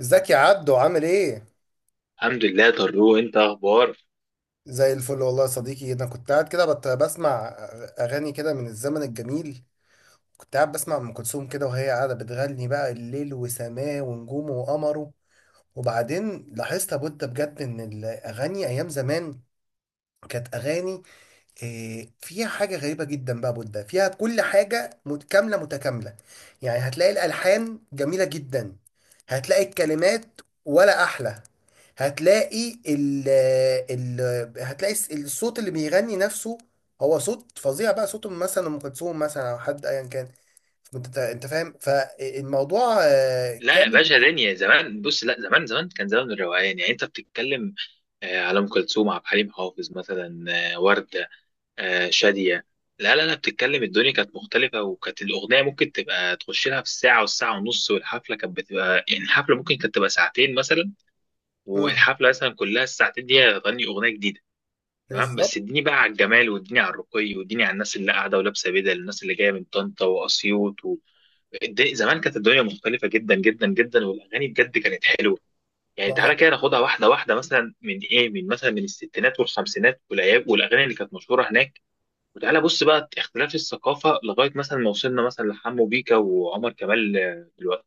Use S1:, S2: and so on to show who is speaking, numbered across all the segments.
S1: ازيك يا عبدو عامل ايه؟
S2: الحمد لله طارق، انت اخبار؟
S1: زي الفل والله يا صديقي، انا كنت قاعد كده بسمع اغاني كده من الزمن الجميل. كنت قاعد بسمع ام كلثوم كده وهي قاعده بتغني بقى الليل وسماه ونجومه وقمره. وبعدين لاحظت يا بودة، بجد ان الاغاني ايام زمان كانت اغاني. فيها حاجة غريبة جدا بقى بودة، فيها كل حاجة متكاملة متكاملة. يعني هتلاقي الألحان جميلة جدا، هتلاقي الكلمات ولا أحلى، هتلاقي ال الصوت اللي بيغني نفسه، هو صوت فظيع بقى، صوت مثلا أم كلثوم مثلا أو حد أيا كان. أنت فاهم فالموضوع
S2: لا يا
S1: كامل.
S2: باشا، دنيا زمان. بص، لا، زمان زمان كان زمان الروقان. يعني انت بتتكلم على ام كلثوم، عبد الحليم حافظ مثلا، ورده، شاديه. لا لا لا، بتتكلم الدنيا كانت مختلفه، وكانت الاغنيه ممكن تبقى تخش لها في الساعه والساعه ونص، والحفله كانت بتبقى، يعني الحفله ممكن كانت تبقى ساعتين مثلا.
S1: مم.
S2: والحفله مثلا كلها الساعتين دي هتغني اغنيه جديده. تمام، بس
S1: بالظبط.
S2: اديني بقى على الجمال، واديني على الرقي، واديني على الناس اللي قاعده ولابسه بدل، الناس اللي جايه من طنطا واسيوط. زمان كانت الدنيا مختلفة جدا جدا جدا، والأغاني بجد كانت حلوة. يعني
S1: ما
S2: تعالى
S1: هو
S2: كده ناخدها واحدة واحدة، مثلا من إيه، من مثلا من الستينات والخمسينات، والأيام والأغاني اللي كانت مشهورة هناك. وتعالى بص بقى اختلاف الثقافة، لغاية مثلا ما وصلنا مثلا لحمو بيكا وعمر كمال. دلوقتي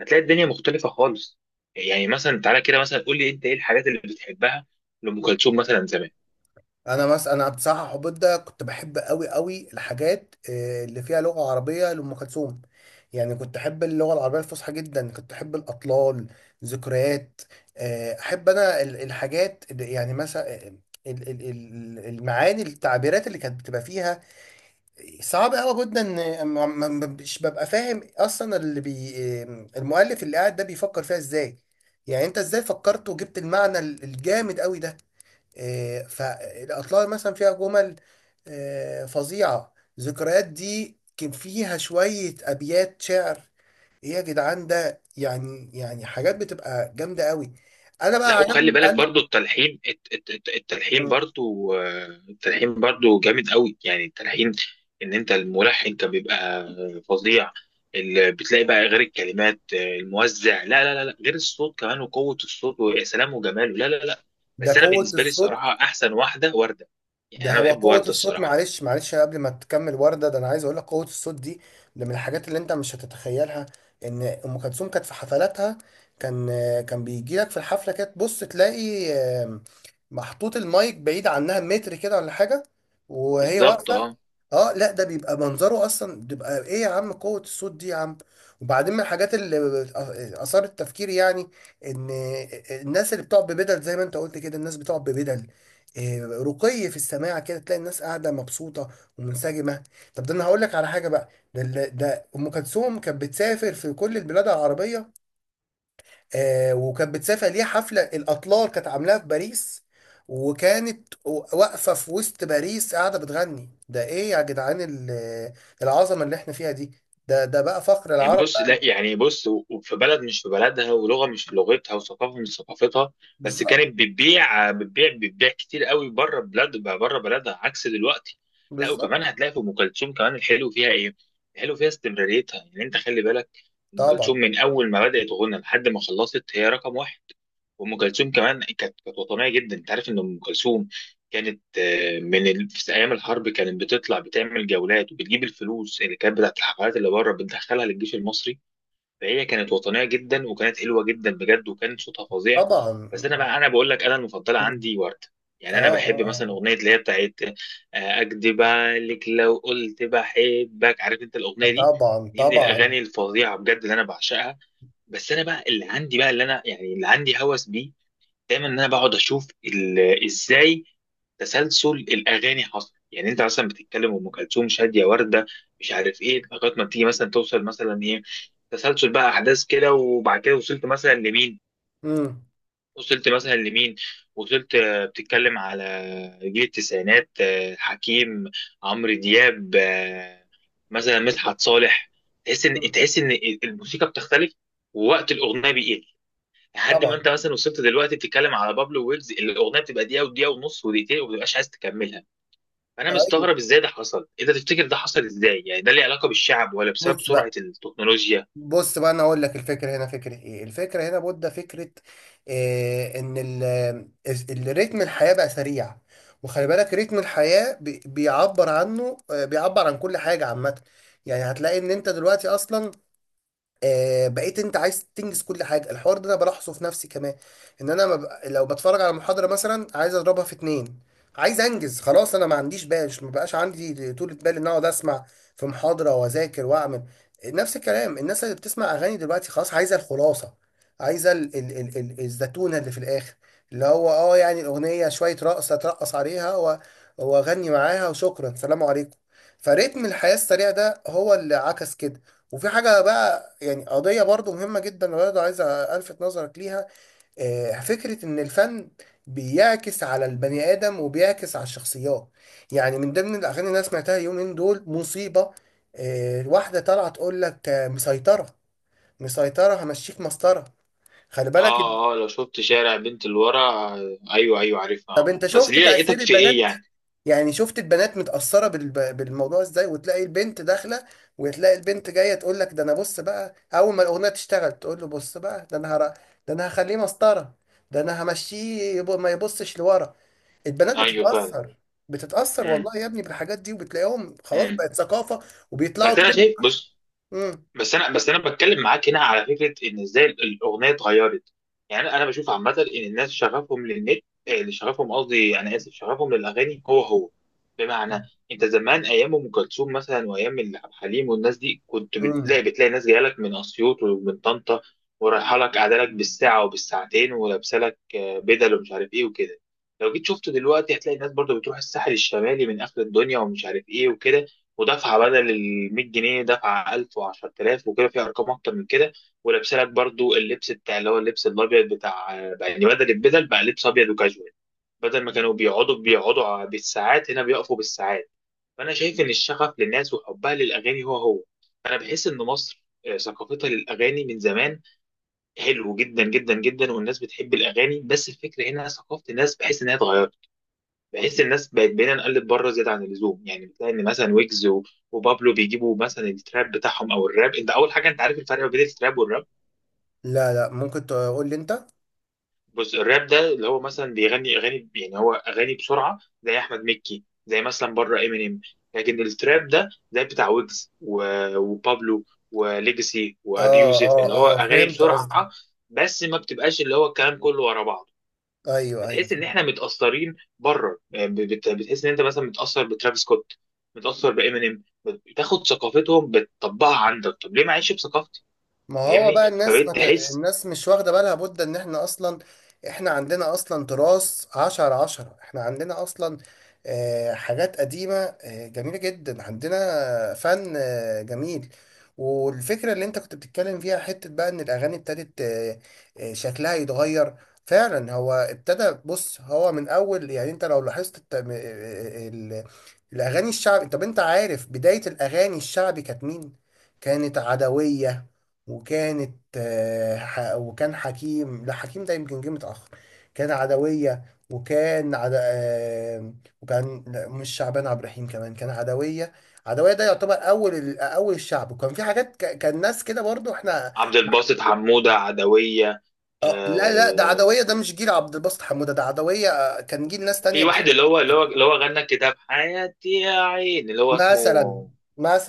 S2: هتلاقي الدنيا مختلفة خالص. يعني مثلا تعالى كده، مثلا قول لي أنت إيه الحاجات اللي بتحبها لأم كلثوم مثلا زمان.
S1: انا مثلا انا بصراحه حبيت ده، كنت بحب قوي قوي الحاجات اللي فيها لغه عربيه لام كلثوم. يعني كنت احب اللغه العربيه الفصحى جدا، كنت احب الاطلال، ذكريات. احب انا الحاجات يعني مثلا المعاني، التعبيرات اللي كانت بتبقى فيها صعب قوي جدا. مش ببقى فاهم اصلا اللي بي آه، المؤلف اللي قاعد ده بيفكر فيها ازاي. يعني انت ازاي فكرت وجبت المعنى الجامد قوي ده. فالأطلال مثلا فيها جمل فظيعة. ذكريات دي كان فيها شوية أبيات شعر. إيه يا جدعان، ده يعني حاجات بتبقى جامدة قوي. أنا بقى
S2: لا، وخلي
S1: عجبني
S2: بالك
S1: أنا.
S2: برضو التلحين، التلحين برضو، التلحين برضو جامد قوي. يعني التلحين، ان انت الملحن كان بيبقى فظيع. اللي بتلاقي بقى غير الكلمات، الموزع، لا لا لا لا، غير الصوت كمان، وقوة الصوت ويا سلام وجماله، لا لا لا.
S1: ده
S2: بس انا
S1: قوة
S2: بالنسبة لي
S1: الصوت.
S2: الصراحة احسن واحدة وردة. يعني
S1: ده
S2: انا
S1: هو
S2: بحب
S1: قوة
S2: وردة
S1: الصوت.
S2: الصراحة.
S1: معلش معلش، قبل ما تكمل وردة، ده أنا عايز أقول لك قوة الصوت دي ده من الحاجات اللي أنت مش هتتخيلها. إن أم كلثوم كانت في حفلاتها، كان كان بيجي لك في الحفلة كده تبص تلاقي محطوط المايك بعيد عنها متر كده ولا حاجة وهي
S2: بالظبط،
S1: واقفة.
S2: اه.
S1: أه، لا ده بيبقى منظره أصلا، بيبقى إيه يا عم؟ قوة الصوت دي يا عم! وبعدين من الحاجات اللي أثارت تفكيري يعني، إن الناس اللي بتقعد ببدل زي ما أنت قلت كده، الناس بتقعد ببدل، رقي في السماع، كده تلاقي الناس قاعده مبسوطه ومنسجمه. طب ده انا هقول لك على حاجه بقى، ده ام كلثوم كانت بتسافر في كل البلاد العربيه، وكانت بتسافر ليها حفله، الاطلال كانت عاملاها في باريس، وكانت واقفه في وسط باريس قاعده بتغني. ده ايه يا جدعان العظمه اللي احنا فيها دي؟ ده بقى فخر
S2: يعني
S1: العرب
S2: بص،
S1: بقى.
S2: لا، يعني بص وفي بلد مش في بلدها، ولغه مش في لغتها، وثقافه مش في ثقافتها. بس
S1: بالظبط.
S2: كانت بتبيع بتبيع بتبيع كتير قوي بره بلاد، بره بلدها، عكس دلوقتي. لا، وكمان
S1: بالظبط.
S2: هتلاقي في ام كلثوم كمان الحلو فيها ايه؟ الحلو فيها استمراريتها. يعني انت خلي بالك، ام كلثوم
S1: طبعا.
S2: من اول ما بدات غنى لحد ما خلصت هي رقم واحد. وام كلثوم كمان كانت، كانت وطنيه جدا. انت عارف ان ام كلثوم كانت في ايام الحرب كانت بتطلع بتعمل جولات، وبتجيب الفلوس اللي كانت بتاعت الحفلات اللي بره بتدخلها للجيش المصري. فهي كانت وطنيه جدا، وكانت حلوه جدا بجد، وكان صوتها فظيع.
S1: طبعا.
S2: بس انا بقى، انا بقول لك، انا المفضله
S1: اه،
S2: عندي ورده. يعني انا
S1: اه.
S2: بحب مثلا
S1: اه.
S2: اغنيه اللي هي بتاعت اكدب عليك لو قلت بحبك، عارف انت الاغنيه دي؟
S1: طبعا،
S2: دي من
S1: طبعا.
S2: الاغاني الفظيعه بجد اللي انا بعشقها. بس انا بقى اللي عندي بقى، اللي انا يعني اللي عندي هوس بيه دايما، ان انا بقعد اشوف ازاي تسلسل الاغاني حصل. يعني انت مثلا بتتكلم ام كلثوم، شاديه، ورده، مش عارف ايه، لغايه ما تيجي مثلا توصل مثلا ايه، تسلسل بقى احداث كده، وبعد كده وصلت مثلا لمين، وصلت مثلا لمين، وصلت بتتكلم على جيل التسعينات، حكيم، عمرو دياب، مثلا مدحت صالح. تحس ان
S1: مم.
S2: تحس ان الموسيقى بتختلف، ووقت الاغنيه بيقل، لحد ما
S1: طبعا.
S2: انت مثلا وصلت دلوقتي بتتكلم على بابلو ويجز، الاغنيه بتبقى دقيقه ودقيقه ونص ودقيقتين، وما بتبقاش عايز تكملها. فانا
S1: ايوه.
S2: مستغرب ازاي ده حصل. انت تفتكر ده حصل ازاي؟ يعني ده ليه علاقه بالشعب، ولا بسبب
S1: بص
S2: سرعه
S1: بقى
S2: التكنولوجيا؟
S1: بص بقى انا اقول لك، الفكره هنا فكره ايه؟ الفكره هنا بودة، فكره إيه؟ ان الريتم الحياه بقى سريع. وخلي بالك رتم الحياه بيعبر عنه، بيعبر عن كل حاجه عامه. يعني هتلاقي ان انت دلوقتي اصلا، بقيت انت عايز تنجز كل حاجه. الحوار ده انا بلاحظه في نفسي كمان، ان انا ما بق- لو بتفرج على محاضره مثلا عايز اضربها في اتنين، عايز انجز خلاص. انا ما عنديش ما بقاش عندي طولة بال ان اقعد اسمع في محاضره واذاكر واعمل. نفس الكلام، الناس اللي بتسمع اغاني دلوقتي خلاص عايزه الخلاصه، عايزه ال ال ال ال الزتونه اللي في الاخر، اللي هو يعني الاغنيه، شويه رقصه اترقص عليها واغني معاها وشكرا، سلام عليكم. فريتم الحياه السريع ده هو اللي عكس كده. وفي حاجة بقى، يعني قضية برضو مهمة جدا، برضو عايز ألفت نظرك ليها، فكرة إن الفن بيعكس على البني آدم وبيعكس على الشخصيات. يعني من ضمن الأغاني اللي أنا سمعتها اليومين دول مصيبة. واحدة طالعة تقول لك مسيطرة، مسيطرة همشيك مسطرة. خلي بالك.
S2: اه، اه، لو شفت شارع بنت الورى، ايوه ايوه، عارفها. اه،
S1: طب أنت
S2: بس
S1: شفت
S2: دي
S1: تأثير
S2: لقيتك في ايه
S1: البنات؟
S2: يعني؟
S1: يعني شفت البنات متأثرة بالموضوع ازاي، وتلاقي البنت داخلة وتلاقي البنت جاية تقول لك، ده انا بص بقى اول ما الأغنية تشتغل تقول له بص بقى ده انا ده انا هخليه مسطرة، ده انا همشيه ما يبصش لورا. البنات
S2: ايوه فعلا.
S1: بتتأثر، بتتأثر
S2: امم،
S1: والله يا ابني بالحاجات دي، وبتلاقيهم خلاص
S2: امم.
S1: بقت ثقافة وبيطلعوا
S2: بس انا
S1: ترند.
S2: شايف، بص،
S1: امم.
S2: بس انا بتكلم معاك هنا على فكره، ان ازاي الاغنيه اتغيرت. يعني انا بشوف عامه ان الناس شغفهم للنت، اللي شغفهم قصدي انا اسف، شغفهم للاغاني هو هو. بمعنى، انت زمان ايام ام كلثوم مثلا، وايام عبد الحليم والناس دي، كنت
S1: امم.
S2: بتلاقي ناس جايه لك من اسيوط ومن طنطا، ورايحه لك قاعده لك بالساعه وبالساعتين، ولابسه لك بدل ومش عارف ايه وكده. لو جيت شفته دلوقتي، هتلاقي الناس برضو بتروح الساحل الشمالي من اخر الدنيا ومش عارف ايه وكده، ودفعه بدل ال 100 جنيه، دفعه 1000 و10000 وكده، في ارقام اكتر من كده. ولابسه لك برضو اللبس بتاع، اللي هو اللبس الابيض بتاع. يعني بدل البدل بقى لبس ابيض وكاجوال. بدل ما كانوا بيقعدوا، بالساعات هنا بيقفوا بالساعات. فانا شايف ان الشغف للناس وحبها للاغاني هو هو. انا بحس ان مصر ثقافتها للاغاني من زمان حلو جدا جدا جدا، والناس بتحب الاغاني. بس الفكره هنا ثقافه الناس بحس انها اتغيرت، بحيث الناس بقت، بقينا نقلد بره زياده عن اللزوم. يعني بتلاقي ان مثلا ويجز وبابلو بيجيبوا مثلا التراب بتاعهم او الراب. انت اول حاجه، انت عارف الفرق ما بين التراب والراب؟
S1: لا، لا ممكن تقول لي انت اه.
S2: بص، الراب ده اللي هو مثلا بيغني اغاني، يعني هو اغاني بسرعه زي احمد مكي، زي مثلا بره امينيم. لكن التراب ده زي بتاع ويجز وبابلو وليجسي وابي يوسف، اللي هو
S1: اه، اه
S2: اغاني
S1: فهمت قصدي.
S2: بسرعه، بس ما بتبقاش اللي هو الكلام كله ورا بعض.
S1: ايوه، ايوه.
S2: بتحس ان احنا متاثرين بره. يعني بتحس ان انت مثلا متاثر بترافيس سكوت، متاثر بامينيم. بتاخد ثقافتهم بتطبقها عندك. طب ليه ما اعيش بثقافتي؟
S1: ما هو
S2: فاهمني؟
S1: بقى الناس
S2: فبقيت تحس.
S1: الناس مش واخدة بالها بد ان احنا اصلا، احنا عندنا اصلا تراث عشرة عشرة. احنا عندنا اصلا حاجات قديمة، جميلة جدا، عندنا فن جميل. والفكرة اللي انت كنت بتتكلم فيها حتة بقى، ان الاغاني ابتدت شكلها يتغير. فعلا هو ابتدى. بص هو من اول، يعني انت لو لاحظت الاغاني الشعبي. طب انت عارف بداية الاغاني الشعبي كانت مين؟ كانت عدوية، وكانت وكان حكيم. لا، حكيم ده يمكن جه متأخر، كان عدوية وكان عد... آه، وكان، لا، مش شعبان عبد الرحيم، كمان كان عدوية. عدوية ده يعتبر أول الشعب، وكان في كان ناس كده برضو احنا.
S2: عبد الباسط حموده، عدويه.
S1: لا، لا ده
S2: آه...
S1: عدوية، ده مش جيل عبد الباسط حمودة، ده عدوية كان جيل ناس
S2: في
S1: تانية
S2: واحد
S1: بس.
S2: اللي هو غنى كده بحياتي يا عين، اللي هو اسمه
S1: مثلا.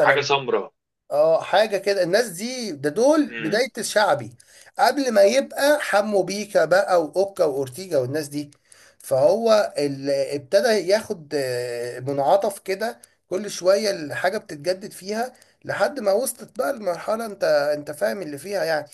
S2: حاجه سمراء.
S1: اه، حاجة كده، الناس دي ده دول بداية الشعبي، قبل ما يبقى حمو بيكا بقى وأوكا وأورتيجا والناس دي. فهو اللي ابتدى ياخد منعطف كده، كل شوية الحاجة بتتجدد فيها لحد ما وصلت بقى المرحلة انت فاهم اللي فيها يعني.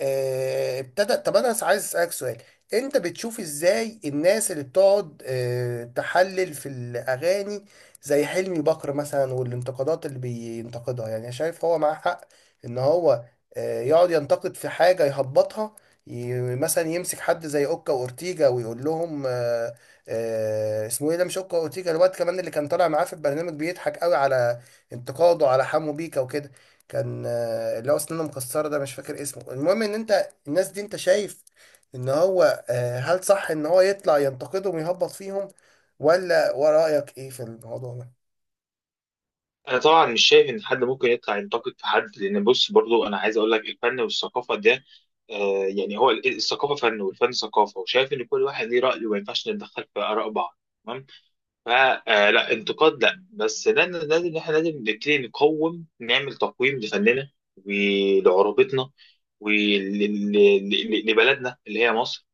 S1: ابتدى. طب انا عايز اسالك سؤال، انت بتشوف ازاي الناس اللي بتقعد تحلل في الاغاني زي حلمي بكر مثلا، والانتقادات اللي بينتقدها؟ يعني أنا شايف هو معاه حق، ان هو يقعد ينتقد في حاجه يهبطها، مثلا يمسك حد زي اوكا واورتيجا ويقول لهم اسمه ايه ده؟ مش اوكا واورتيجا، الواد كمان اللي كان طالع معاه في البرنامج، بيضحك قوي على انتقاده على حمو بيكا وكده، كان اللي هو اسنانه مكسره ده، مش فاكر اسمه. المهم ان انت الناس دي انت شايف ان هو، هل صح ان هو يطلع ينتقدهم ويهبط فيهم، ولا ورايك ايه في الموضوع ده؟
S2: انا طبعا مش شايف ان حد ممكن يطلع ينتقد في حد، لان بص، برضو انا عايز اقول لك، الفن والثقافه ده، آه، يعني هو الثقافه فن والفن ثقافه، وشايف ان كل واحد ليه راي، وما ينفعش نتدخل في اراء بعض. تمام. فلا انتقاد، لا، بس لازم، لازم احنا لازم نبتدي نقوم نعمل تقويم لفننا، ولعروبتنا، ولبلدنا اللي هي مصر،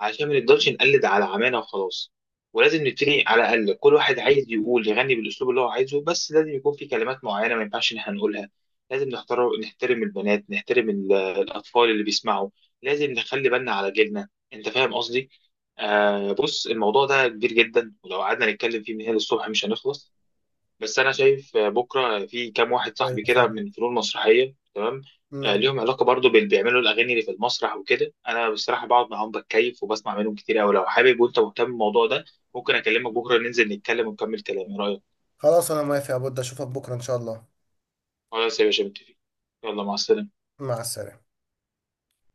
S2: عشان ما نفضلش نقلد على عمانا وخلاص. ولازم نبتدي على الأقل، كل واحد عايز يقول يغني بالأسلوب اللي هو عايزه، بس لازم يكون في كلمات معينة ما ينفعش إن احنا نقولها. لازم نختار، نحترم البنات، نحترم الأطفال اللي بيسمعوا. لازم نخلي بالنا على جيلنا. أنت فاهم قصدي؟ آه، بص، الموضوع ده كبير جدا، ولو قعدنا نتكلم فيه من هنا للصبح مش هنخلص. بس انا شايف بكره في كام واحد
S1: ايوه،
S2: صاحبي كده
S1: فاهم.
S2: من فنون مسرحيه. تمام،
S1: مم.
S2: ليهم علاقه برضو بال، بيعملوا الاغاني اللي في المسرح وكده. انا بصراحه بقعد معاهم بتكيف وبسمع منهم كتير قوي. لو حابب وانت مهتم بالموضوع ده، ممكن اكلمك بكره ننزل نتكلم ونكمل كلام. ايه رايك؟
S1: خلاص انا موافق يا بود، اشوفك بكره ان شاء الله.
S2: خلاص يا باشا، متفقين. يلا مع السلامه.
S1: مع السلامه.